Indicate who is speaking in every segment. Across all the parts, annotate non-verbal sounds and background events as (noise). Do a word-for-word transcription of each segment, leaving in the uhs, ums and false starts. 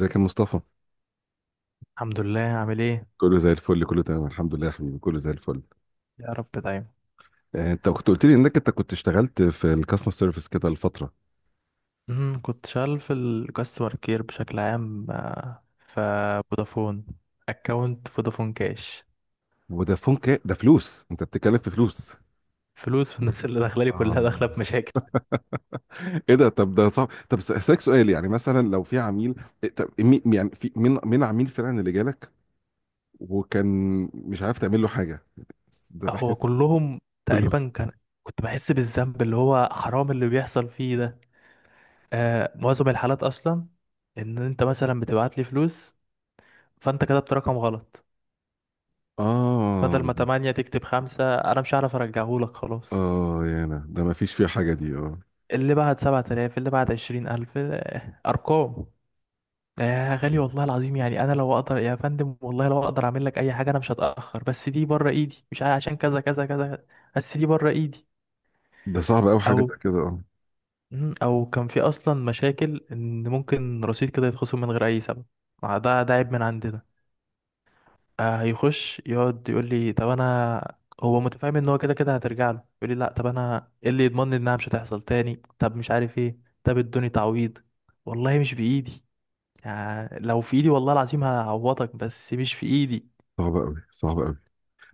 Speaker 1: ازيك يا مصطفى؟
Speaker 2: الحمد لله. عامل ايه؟
Speaker 1: كله زي الفل، كله تمام الحمد لله يا حبيبي، كله زي الفل.
Speaker 2: يا رب دايما.
Speaker 1: آه، انت كنت قلت لي انك انت كنت اشتغلت في الكاستمر سيرفيس كده لفتره.
Speaker 2: امم كنت شغال في الكاستمر كير بشكل عام، آه، في فودافون اكونت فودافون كاش.
Speaker 1: ودافون كا ده فلوس؟ انت بتتكلم في
Speaker 2: ف-
Speaker 1: فلوس؟
Speaker 2: فلوس الناس اللي داخله لي كلها
Speaker 1: آه.
Speaker 2: داخله بمشاكل.
Speaker 1: ايه ده؟ طب ده صعب. طب س- اسالك سؤال، يعني مثلا لو في عميل، إيه؟ طب مي- يعني في من من عميل فعلا اللي جالك، وكان مش عارف تعمل له حاجه، ده
Speaker 2: هو
Speaker 1: بحس.
Speaker 2: كلهم
Speaker 1: كله،
Speaker 2: تقريبا كان كنت بحس بالذنب اللي هو حرام اللي بيحصل فيه ده. آه، معظم الحالات اصلا ان انت مثلا بتبعت لي فلوس فانت كتبت رقم غلط.
Speaker 1: اه.
Speaker 2: بدل ما تمانية تكتب خمسة انا مش هعرف ارجعهولك خلاص.
Speaker 1: اه يا انا ده ما فيش فيه حاجه دي، اه.
Speaker 2: اللي بعد سبعة آلاف اللي بعد عشرين ألف، آه، أرقام. يا غالي، والله العظيم يعني أنا لو أقدر يا فندم، والله لو أقدر أعمل لك أي حاجة أنا مش هتأخر، بس دي بره إيدي مش عشان كذا كذا كذا. بس دي بره إيدي.
Speaker 1: ده صعب قوي، حاجه
Speaker 2: أو
Speaker 1: زي كده، اه.
Speaker 2: مم، أو كان في أصلا مشاكل إن ممكن رصيد كده يتخصم من غير أي سبب. آه، ده ده عيب من عندنا. آه، هيخش يقعد يقول لي طب أنا. هو متفاهم إن هو كده كده هترجع له، يقول لي لأ طب أنا إيه اللي يضمنني إنها مش هتحصل تاني، طب مش عارف إيه، طب ادوني تعويض. والله مش بإيدي، يعني لو في ايدي والله العظيم هعوضك بس مش في ايدي.
Speaker 1: صعب قوي، صعب قوي.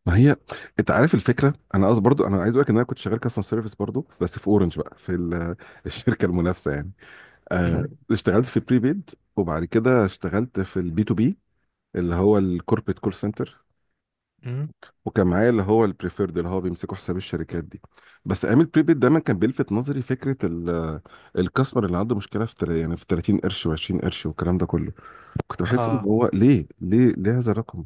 Speaker 1: ما هي، انت عارف الفكره، انا قصدي برضو انا عايز اقول لك ان انا كنت شغال كاستمر سيرفيس برضو، بس في اورنج بقى، في ال- (laughs) الشركه المنافسه يعني.
Speaker 2: (laughs)
Speaker 1: آه
Speaker 2: مم.
Speaker 1: اشتغلت في بريبيد، وبعد كده اشتغلت في البي تو بي اللي هو الكوربريت كول سنتر،
Speaker 2: مم.
Speaker 1: وكان معايا اللي هو البريفيرد اللي هو بيمسكوا حساب الشركات دي. بس ايام البريبيد دايما كان بيلفت نظري فكره ال- (laughs) الكاستمر اللي عنده مشكله في تل- يعني في تلاتين قرش و20 قرش والكلام ده كله. كنت بحس ان
Speaker 2: اه.
Speaker 1: هو ليه ليه ليه هذا الرقم.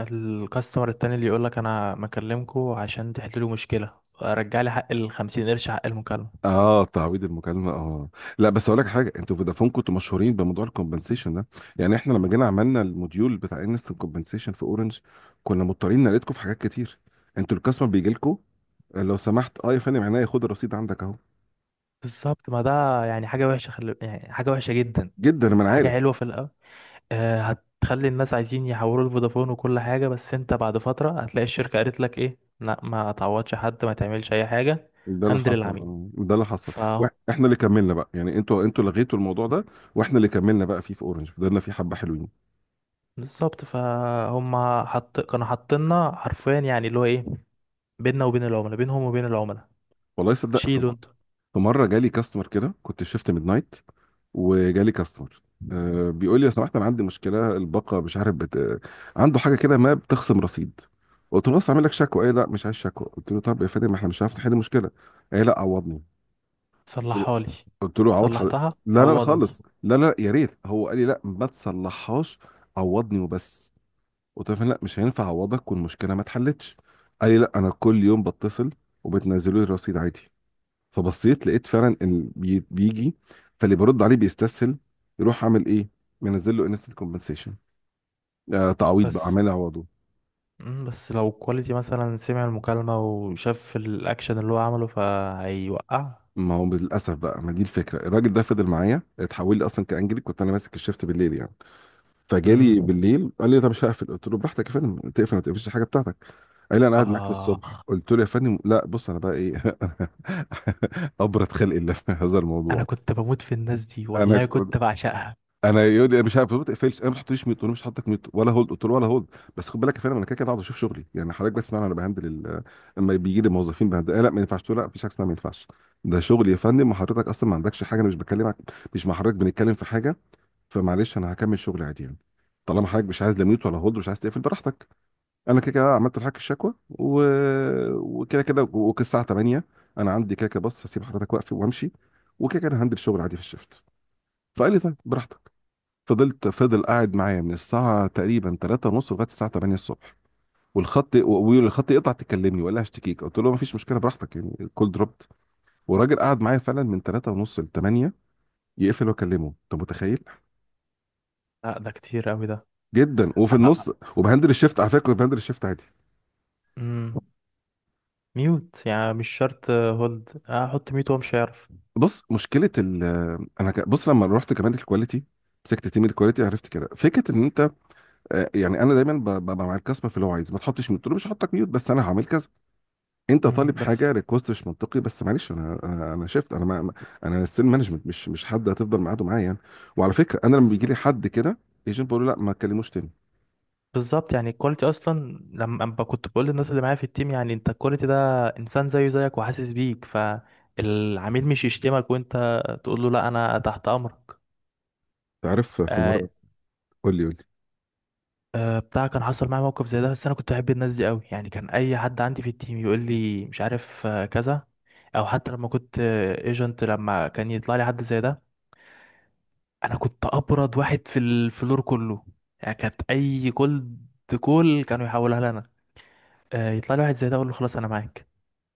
Speaker 2: الكاستمر التاني اللي يقولك انا مكلمكوا عشان تحلوا مشكلة رجع لي حق الخمسين قرش حق المكالمة.
Speaker 1: اه، تعويض المكالمه، اه. لا بس اقول لك حاجه، انتوا فودافون كنتوا مشهورين بموضوع الكومبنسيشن ده. يعني احنا لما جينا عملنا الموديول بتاع انستنت كومبنسيشن في اورنج، كنا مضطرين نقلدكم في حاجات كتير. انتوا الكاستمر بيجي لكم، لو سمحت اه يا فندم عينيا، خد الرصيد عندك اهو.
Speaker 2: بالظبط. ما ده يعني حاجة وحشة خل... يعني حاجة وحشة جدا.
Speaker 1: جدا، ما انا
Speaker 2: حاجة
Speaker 1: عارف.
Speaker 2: حلوة في الأول. آه، هتخلي الناس عايزين يحولوا لفودافون وكل حاجة، بس انت بعد فترة هتلاقي الشركة قالت لك ايه، لا ما تعوضش حد ما تعملش اي حاجة.
Speaker 1: ده اللي
Speaker 2: هندل
Speaker 1: حصل،
Speaker 2: العميل.
Speaker 1: اه ده اللي حصل. وإح- احنا اللي كملنا بقى، يعني انتوا انتوا لغيتوا الموضوع ده، واحنا اللي كملنا بقى فيه في اورنج، فضلنا فيه حبه حلوين.
Speaker 2: بالظبط، فهم حط كانوا حاطيننا حرفيا يعني اللي هو ايه، بيننا وبين العملاء، بينهم وبين العملاء.
Speaker 1: والله صدق.
Speaker 2: شيلوا انتوا.
Speaker 1: في مره جالي كاستمر كده، كنت في شيفت ميد نايت، وجالي كاستمر، أه بيقول لي لو سمحت انا عندي مشكله الباقه مش عارف بت... آه، عنده حاجه كده ما بتخصم رصيد. قلت له بس اعمل لك شكوى. ايه لا، مش عايز شكوى. قلت له طب يا فندم ما احنا مش عارف نحل المشكله. ايه لا، عوضني. قلت له
Speaker 2: صلحها لي.
Speaker 1: قلت له عوض حضرتك.
Speaker 2: صلحتها
Speaker 1: لا لا لا
Speaker 2: عوضني.
Speaker 1: خالص، لا لا، يا ريت، هو قال لي لا ما تصلحهاش، عوضني وبس. قلت له يا فندم لا مش هينفع اعوضك والمشكله ما اتحلتش. قال لي لا انا كل يوم بتصل وبتنزلوا لي الرصيد عادي. فبصيت لقيت فعلا ان بي- بيجي. فاللي برد عليه بيستسهل، يروح عامل ايه، منزل له انستنت كومبنسيشن، آه تعويض بقى،
Speaker 2: بس.
Speaker 1: عامل عوضه.
Speaker 2: مم، بس لو كواليتي مثلا سمع المكالمة وشاف الأكشن اللي هو عمله فهيوقع.
Speaker 1: ما هو للاسف بقى، ما دي الفكره. الراجل ده فضل معايا، اتحول لي اصلا كانجلي، كنت انا ماسك الشيفت بالليل يعني، فجالي
Speaker 2: مم.
Speaker 1: بالليل قال لي طب مش هقفل. قلت له براحتك يا فندم، تقفل ما تقفلش الحاجه بتاعتك. قال لي انا قاعد معاك
Speaker 2: آه.
Speaker 1: للصبح. قلت له يا فندم لا، بص انا بقى ايه، (laughs) ابرد خلق الله في هذا
Speaker 2: أنا
Speaker 1: الموضوع.
Speaker 2: كنت بموت في الناس دي
Speaker 1: انا
Speaker 2: والله
Speaker 1: كنت،
Speaker 2: كنت بعشقها.
Speaker 1: انا يقول لي مش عارف ما تقفلش، انا ما تحطليش ميوت، انا مش هحطك ميوت ولا هولد. قلت له ولا هولد، بس خد بالك يا فندم انا كده كده قاعد اشوف شغلي، يعني حضرتك بس معنا، انا بهندل ال- لما بيجي لي موظفين بهندل، آه لا ما ينفعش تقول لا، مفيش حاجه اسمها ما ينفعش. ده شغلي يا فندم، وحضرتك اصلا ما عندكش حاجه، انا مش بكلمك، مش مع حضرتك بنتكلم في حاجه. فمعلش انا هكمل شغلي عادي يعني، طالما حضرتك مش عايز لا ميوت ولا هولد، مش عايز تقفل، براحتك. انا كده كده عملت لحضرتك الشكوى و... وكده كده وكده الساعه تمانية، انا عندي كده كده، بص هسيب حضرتك واقف وامشي، وكده كده أنا هندل شغل عادي في الشفت. فقال لي طيب براحتك. فضلت فضل قاعد معايا من الساعة تقريبا تلاتة ونص لغاية الساعة تمانية الصبح، والخط والخط يقطع، تكلمني ولا هشتكيك؟ قلت له مفيش مشكلة، براحتك، يعني الكول دروبت. والراجل قعد معايا فعلا من ثلاثة ونص ل تمانية، يقفل واكلمه. انت متخيل؟
Speaker 2: لا ده كتير أوي ده.
Speaker 1: جدا، وفي
Speaker 2: أنا.
Speaker 1: النص وبهندل الشيفت، على فكرة كنت بهندل الشيفت عادي.
Speaker 2: مم. ميوت يعني مش شرط هولد، أحط ميوت وهو مش هيعرف.
Speaker 1: بص مشكلة ال، انا ك- بص لما رحت كمان الكواليتي، مسكت تيم الكواليتي، عرفت كده فكره ان انت، آه، يعني انا دايما ب- ببقى مع الكاستمر في اللي هو عايز، ما تحطش ميوت، قلت له مش هحطك ميوت بس انا هعمل كذا. انت طالب
Speaker 2: مم،
Speaker 1: حاجه
Speaker 2: بس.
Speaker 1: ريكوست مش منطقي، بس معلش انا انا انا شفت انا ما ما- انا السيل مانجمنت، مش مش حد هتفضل معاده معايا يعني. وعلى فكره انا لما بيجي
Speaker 2: بالظبط.
Speaker 1: لي حد كده ايجنت بقول له لا ما تكلموش تاني.
Speaker 2: بالظبط، يعني الكواليتي اصلا لما أما كنت بقول للناس اللي معايا في التيم، يعني انت الكواليتي ده انسان زيه زيك وحاسس بيك، فالعميل مش يشتمك وانت تقول له لا انا تحت امرك.
Speaker 1: تعرف في
Speaker 2: آه
Speaker 1: مره، قول لي، قول لي.
Speaker 2: آه بتاع كان حصل معايا موقف زي ده، بس انا كنت بحب الناس دي قوي. يعني كان اي حد عندي في التيم يقول لي مش عارف، آه، كذا. او حتى لما كنت ايجنت لما كان يطلع لي حد زي ده انا كنت ابرد واحد في الفلور كله. يعني كانت اي كولد كول كانوا يحولها لنا. آه يطلع لي واحد زي ده اقول له خلاص انا معاك،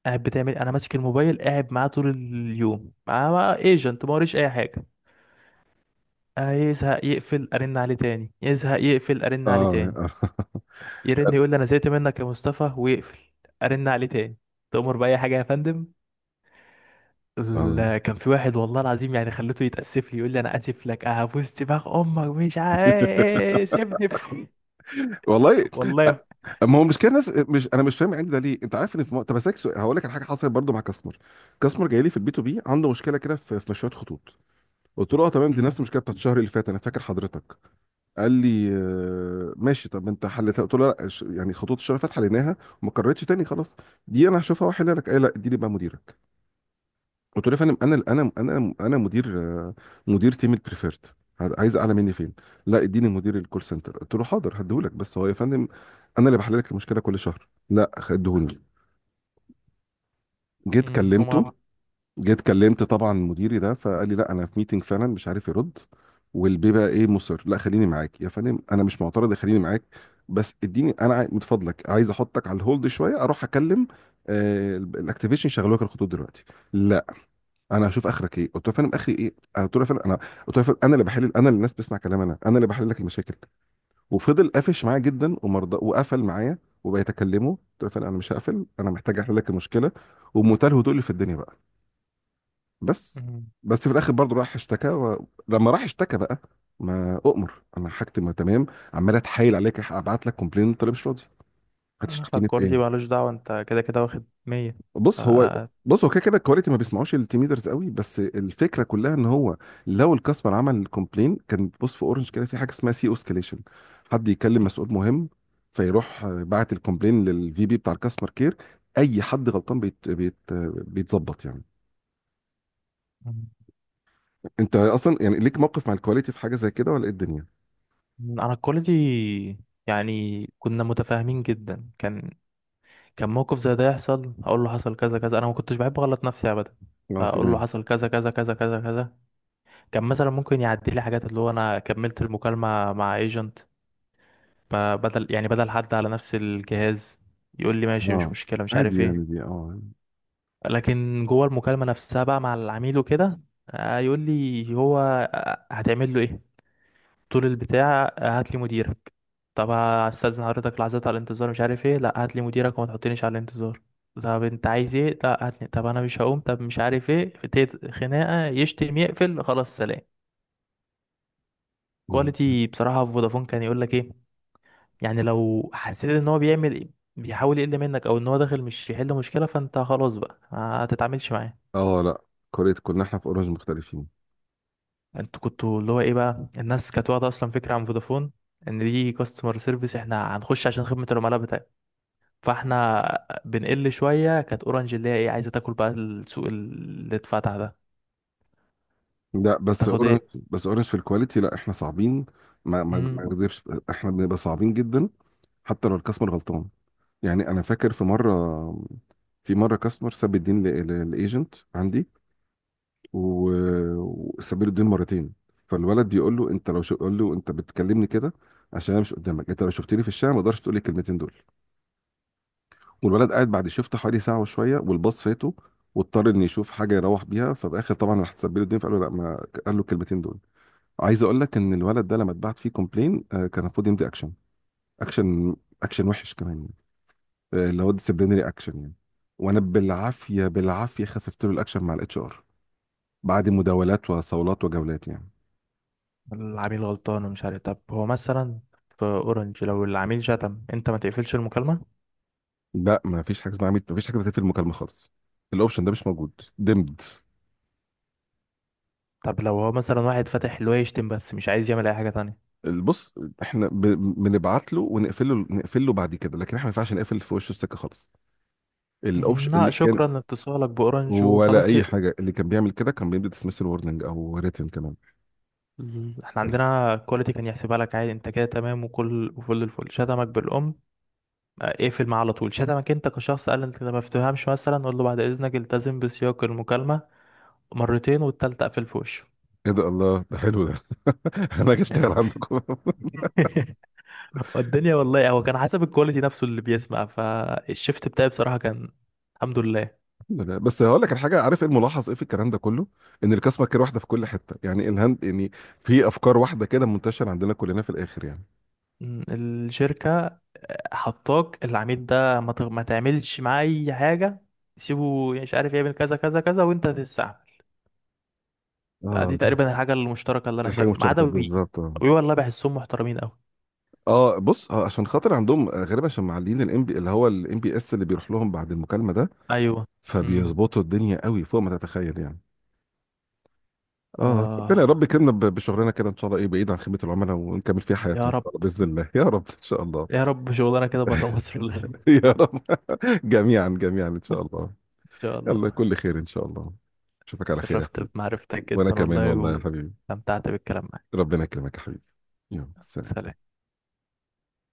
Speaker 2: قاعد بتعمل، انا ماسك الموبايل قاعد معاه طول اليوم معاه ايجنت ما وريش اي حاجه. آه يزهق يقفل ارن عليه تاني، يزهق يقفل ارن عليه
Speaker 1: اه
Speaker 2: تاني،
Speaker 1: (laughs)
Speaker 2: يرن يقول لي انا زهقت منك يا مصطفى ويقفل، ارن عليه تاني، تؤمر باي حاجه يا فندم.
Speaker 1: اه
Speaker 2: لا كان في واحد والله العظيم يعني خليته يتاسف لي يقول لي انا اسف لك هبوس دماغ امك مش عايز سيبني بقى. (laughs)
Speaker 1: والله. أ-
Speaker 2: والله.
Speaker 1: ما هو مش كده الناس، مش انا مش فاهم عندي ده ليه، انت عارف ان في م... طب اسالك سؤال، هقول لك على حاجه حصلت برضو مع كاستمر. كاستمر جاي لي في البي تو بي عنده مشكله كده في في مشويات خطوط. قلت له اه تمام، دي نفس
Speaker 2: امم.
Speaker 1: المشكله بتاعت الشهر اللي فات انا فاكر حضرتك. قال لي آه ماشي، طب انت حلتها؟ قلت له لا، ش- يعني خطوط الشرفات حليناها وما كررتش تاني خلاص، دي انا هشوفها واحلها لك. قال لي لا، دي لي بقى مديرك. قلت له يا فندم انا انا انا انا مدير، آه، مدير تيم البريفيرت، عايز اعلى مني فين؟ لا اديني مدير الكول سنتر. قلت له حاضر هديهولك، بس هو يا فندم انا اللي بحل لك المشكله كل شهر. لا خدهوني. جيت
Speaker 2: امم هما.
Speaker 1: كلمته جيت كلمت طبعا مديري ده، فقال لي لا انا في ميتنج فعلا مش عارف يرد. والبيه بقى ايه، مصر، لا خليني معاك يا فندم انا مش معترض، خليني معاك. بس اديني انا عاي- من فضلك عايز احطك على الهولد شويه اروح اكلم آه ال- الاكتيفيشن يشغلوا لك الخطوط دلوقتي. لا، انا هشوف اخرك ايه. قلت له يا فندم اخري ايه أنا قلت له يا فندم انا، قلت له يا فندم انا اللي بحل، انا اللي الناس بتسمع كلام، انا انا اللي بحل لك المشاكل. وفضل قافش معايا جدا، ومرضى، وقفل معايا. وبقيت اكلمه، قلت له يا فندم انا مش هقفل، انا محتاج احل لك المشكله، وبمنتهى الهدوء اللي في الدنيا بقى. بس،
Speaker 2: امم
Speaker 1: بس في الاخر برضه راح اشتكى و... لما راح اشتكى بقى، ما اؤمر، انا حاجتي ما تمام. عمال اتحايل عليك ابعت لك كومبلين، انت ليه مش راضي؟ هتشتكيني في
Speaker 2: الكواليتي
Speaker 1: ايه؟
Speaker 2: مالوش دعوه، انت كده كده واخد مية. ف
Speaker 1: بص هو بص هو كده كده الكواليتي ما بيسمعوش التيم ليدرز قوي، بس الفكره كلها ان هو لو الكاستمر عمل كومبلين كان، بص في اورنج كده في حاجه اسمها سي اوسكيليشن، حد يكلم مسؤول مهم، فيروح باعت الكومبلين للفي بي بتاع الكاستمر كير، اي حد غلطان بيت بيت بيتظبط يعني.
Speaker 2: مم.
Speaker 1: انت اصلا يعني ليك موقف مع الكواليتي في حاجه زي كده ولا ايه الدنيا؟
Speaker 2: انا الكواليتي يعني كنا متفاهمين جدا، كان كان موقف زي ده يحصل اقول له حصل كذا كذا، انا ما كنتش بحب اغلط نفسي ابدا.
Speaker 1: اه
Speaker 2: اقول له
Speaker 1: تمام،
Speaker 2: حصل كذا كذا كذا كذا كذا. كان مثلا ممكن يعدي لي حاجات اللي هو انا كملت المكالمه مع ايجنت، بدل يعني بدل حد على نفس الجهاز، يقول لي ماشي مش
Speaker 1: اه
Speaker 2: مشكله مش عارف
Speaker 1: عادي
Speaker 2: ايه.
Speaker 1: يعني، دي اه،
Speaker 2: لكن جوه المكالمه نفسها بقى مع العميل وكده، آه، يقول لي هو آه، هتعمل له ايه، طول البتاع هات لي مديرك. طب هستأذن حضرتك لحظات على الانتظار مش عارف ايه، لا هات لي مديرك وما تحطنيش على الانتظار. طب انت عايز ايه، لا هات لي، طب انا مش هقوم، طب مش عارف ايه، ابتدت خناقه يشتم يقفل خلاص سلام.
Speaker 1: اه،
Speaker 2: كواليتي بصراحه في فودافون كان يقول لك ايه، يعني لو حسيت ان هو بيعمل بيحاول يقل منك او ان هو داخل مش يحل مشكله فانت خلاص بقى ما تتعاملش معاه.
Speaker 1: آه، لا. كوريا كنا احنا في اورنج مختلفين.
Speaker 2: انتوا كنتوا اللي هو ايه بقى، الناس كانت واخده اصلا فكره عن فودافون ان دي كاستمر سيرفيس احنا هنخش عشان خدمه العملاء. فاحنا بنقل شوية، كانت اورنج اللي هي ايه عايزة تاكل بقى السوق اللي اتفتح ده،
Speaker 1: لا بس
Speaker 2: تاخد
Speaker 1: اورنج،
Speaker 2: ايه.
Speaker 1: بس اورنج في الكواليتي، لا احنا صعبين، ما ما ما
Speaker 2: مم.
Speaker 1: اكذبش، احنا بنبقى صعبين جدا حتى لو الكاستمر غلطان. يعني انا فاكر في مره، في مره كاستمر ساب الدين للايجنت عندي، و- وساب له الدين مرتين. فالولد بيقول له انت لو شو قول له، انت بتكلمني كده عشان انا مش قدامك؟ انت لو شفتني في الشارع ما اقدرش تقول لي الكلمتين دول. والولد قاعد بعد شفت حوالي ساعه وشويه والباص فاته، واضطر ان يشوف حاجه يروح بيها، فباخر طبعا راح تسبب له الدنيا فقال له لا، ما قال له الكلمتين دول. عايز اقول لك ان الولد ده لما اتبعت فيه كومبلين، آه، كان المفروض يمضي اكشن، اكشن، اكشن وحش كمان يعني، آه، اللي هو ديسيبلينري اكشن يعني. وانا بالعافيه بالعافيه خففت له الاكشن مع الاتش ار، بعد مداولات وصولات وجولات يعني.
Speaker 2: العميل غلطان ومش عارف، طب هو مثلا في اورنج لو العميل شتم انت ما تقفلش المكالمة.
Speaker 1: لا ما فيش حاجه اسمها عميد، ما فيش حاجه بتقفل المكالمه خالص، الاوبشن ده مش موجود. دمد.
Speaker 2: طب لو هو مثلا واحد فاتح اللي هو يشتم بس مش عايز يعمل اي حاجة تانية.
Speaker 1: بص احنا ب... بنبعت له ونقفله، نقفل له بعد كده، لكن احنا ما ينفعش نقفل في وشه السكه خالص.
Speaker 2: مم،
Speaker 1: الاوبشن
Speaker 2: لا
Speaker 1: اللي كان،
Speaker 2: شكرا لاتصالك باورنج
Speaker 1: ولا
Speaker 2: وخلاص
Speaker 1: اي
Speaker 2: يقفل.
Speaker 1: حاجه، اللي كان بيعمل كده كان بيدي ديسمسل وورنينج او ريتن كمان.
Speaker 2: احنا
Speaker 1: ايه
Speaker 2: عندنا كواليتي كان يحسبها لك عادي انت كده تمام وكل وفل الفل، شتمك بالام. آه، اقفل معاه على طول. شتمك انت كشخص قال انت ما بتفهمش مثلا قول له بعد اذنك التزم بسياق المكالمة، مرتين والتالتة قفل في وشه.
Speaker 1: ده، الله، ده حلو ده. (laughs) انا هاجي اشتغل عندكم (laughs)
Speaker 2: (laughs) والدنيا والله هو كان حسب الكواليتي نفسه اللي بيسمع فالشيفت بتاعي بصراحة، كان الحمد لله.
Speaker 1: لا، بس هقول لك الحاجه، عارف ايه الملاحظ ايه في الكلام ده كله، ان الكاسمه كده واحده في كل حته، يعني الهند يعني، في افكار واحده كده منتشره عندنا كلنا في الاخر يعني.
Speaker 2: م، الشركة آه، حطاك العميل ده ما, تغ... ما تعملش معاه أي حاجة. سيبه مش عارف يعمل كذا كذا كذا وأنت تستعمل. آه، دي
Speaker 1: اه، لا،
Speaker 2: تقريبا الحاجة المشتركة اللي أنا
Speaker 1: دي حاجه
Speaker 2: شايفها ما عدا
Speaker 1: مشتركه
Speaker 2: وي.
Speaker 1: بالظبط.
Speaker 2: وي والله بحسهم محترمين أوي.
Speaker 1: اه بص، آه، عشان خاطر عندهم، آه، غالبا عشان معلين الام بي اللي هو الام بي اس اللي بيروح لهم بعد المكالمه ده،
Speaker 2: أيوه. امم.
Speaker 1: فبيظبطوا الدنيا قوي فوق ما تتخيل يعني. اه،
Speaker 2: آه،
Speaker 1: ربنا يا رب يكرمنا ب- بشغلنا كده ان شاء الله، ايه بعيد عن خدمه العملاء، ونكمل فيها حياتنا
Speaker 2: يا
Speaker 1: ان
Speaker 2: رب.
Speaker 1: شاء الله باذن الله (laughs) يا رب ان شاء الله.
Speaker 2: يا رب شغلانة كده بره مصر والله. (laughs) إن
Speaker 1: (laughs) يا رب. (laughs) جميعا جميعا ان شاء الله.
Speaker 2: شاء
Speaker 1: يلا
Speaker 2: الله.
Speaker 1: كل خير ان شاء الله. اشوفك على خير يا
Speaker 2: شرفت
Speaker 1: حبيبي.
Speaker 2: بمعرفتك
Speaker 1: وانا
Speaker 2: جدا
Speaker 1: كمان
Speaker 2: والله.
Speaker 1: والله يا حبيبي.
Speaker 2: واستمتعت بالكلام معك.
Speaker 1: ربنا يكرمك يا حبيبي. يلا سلام.
Speaker 2: سلام.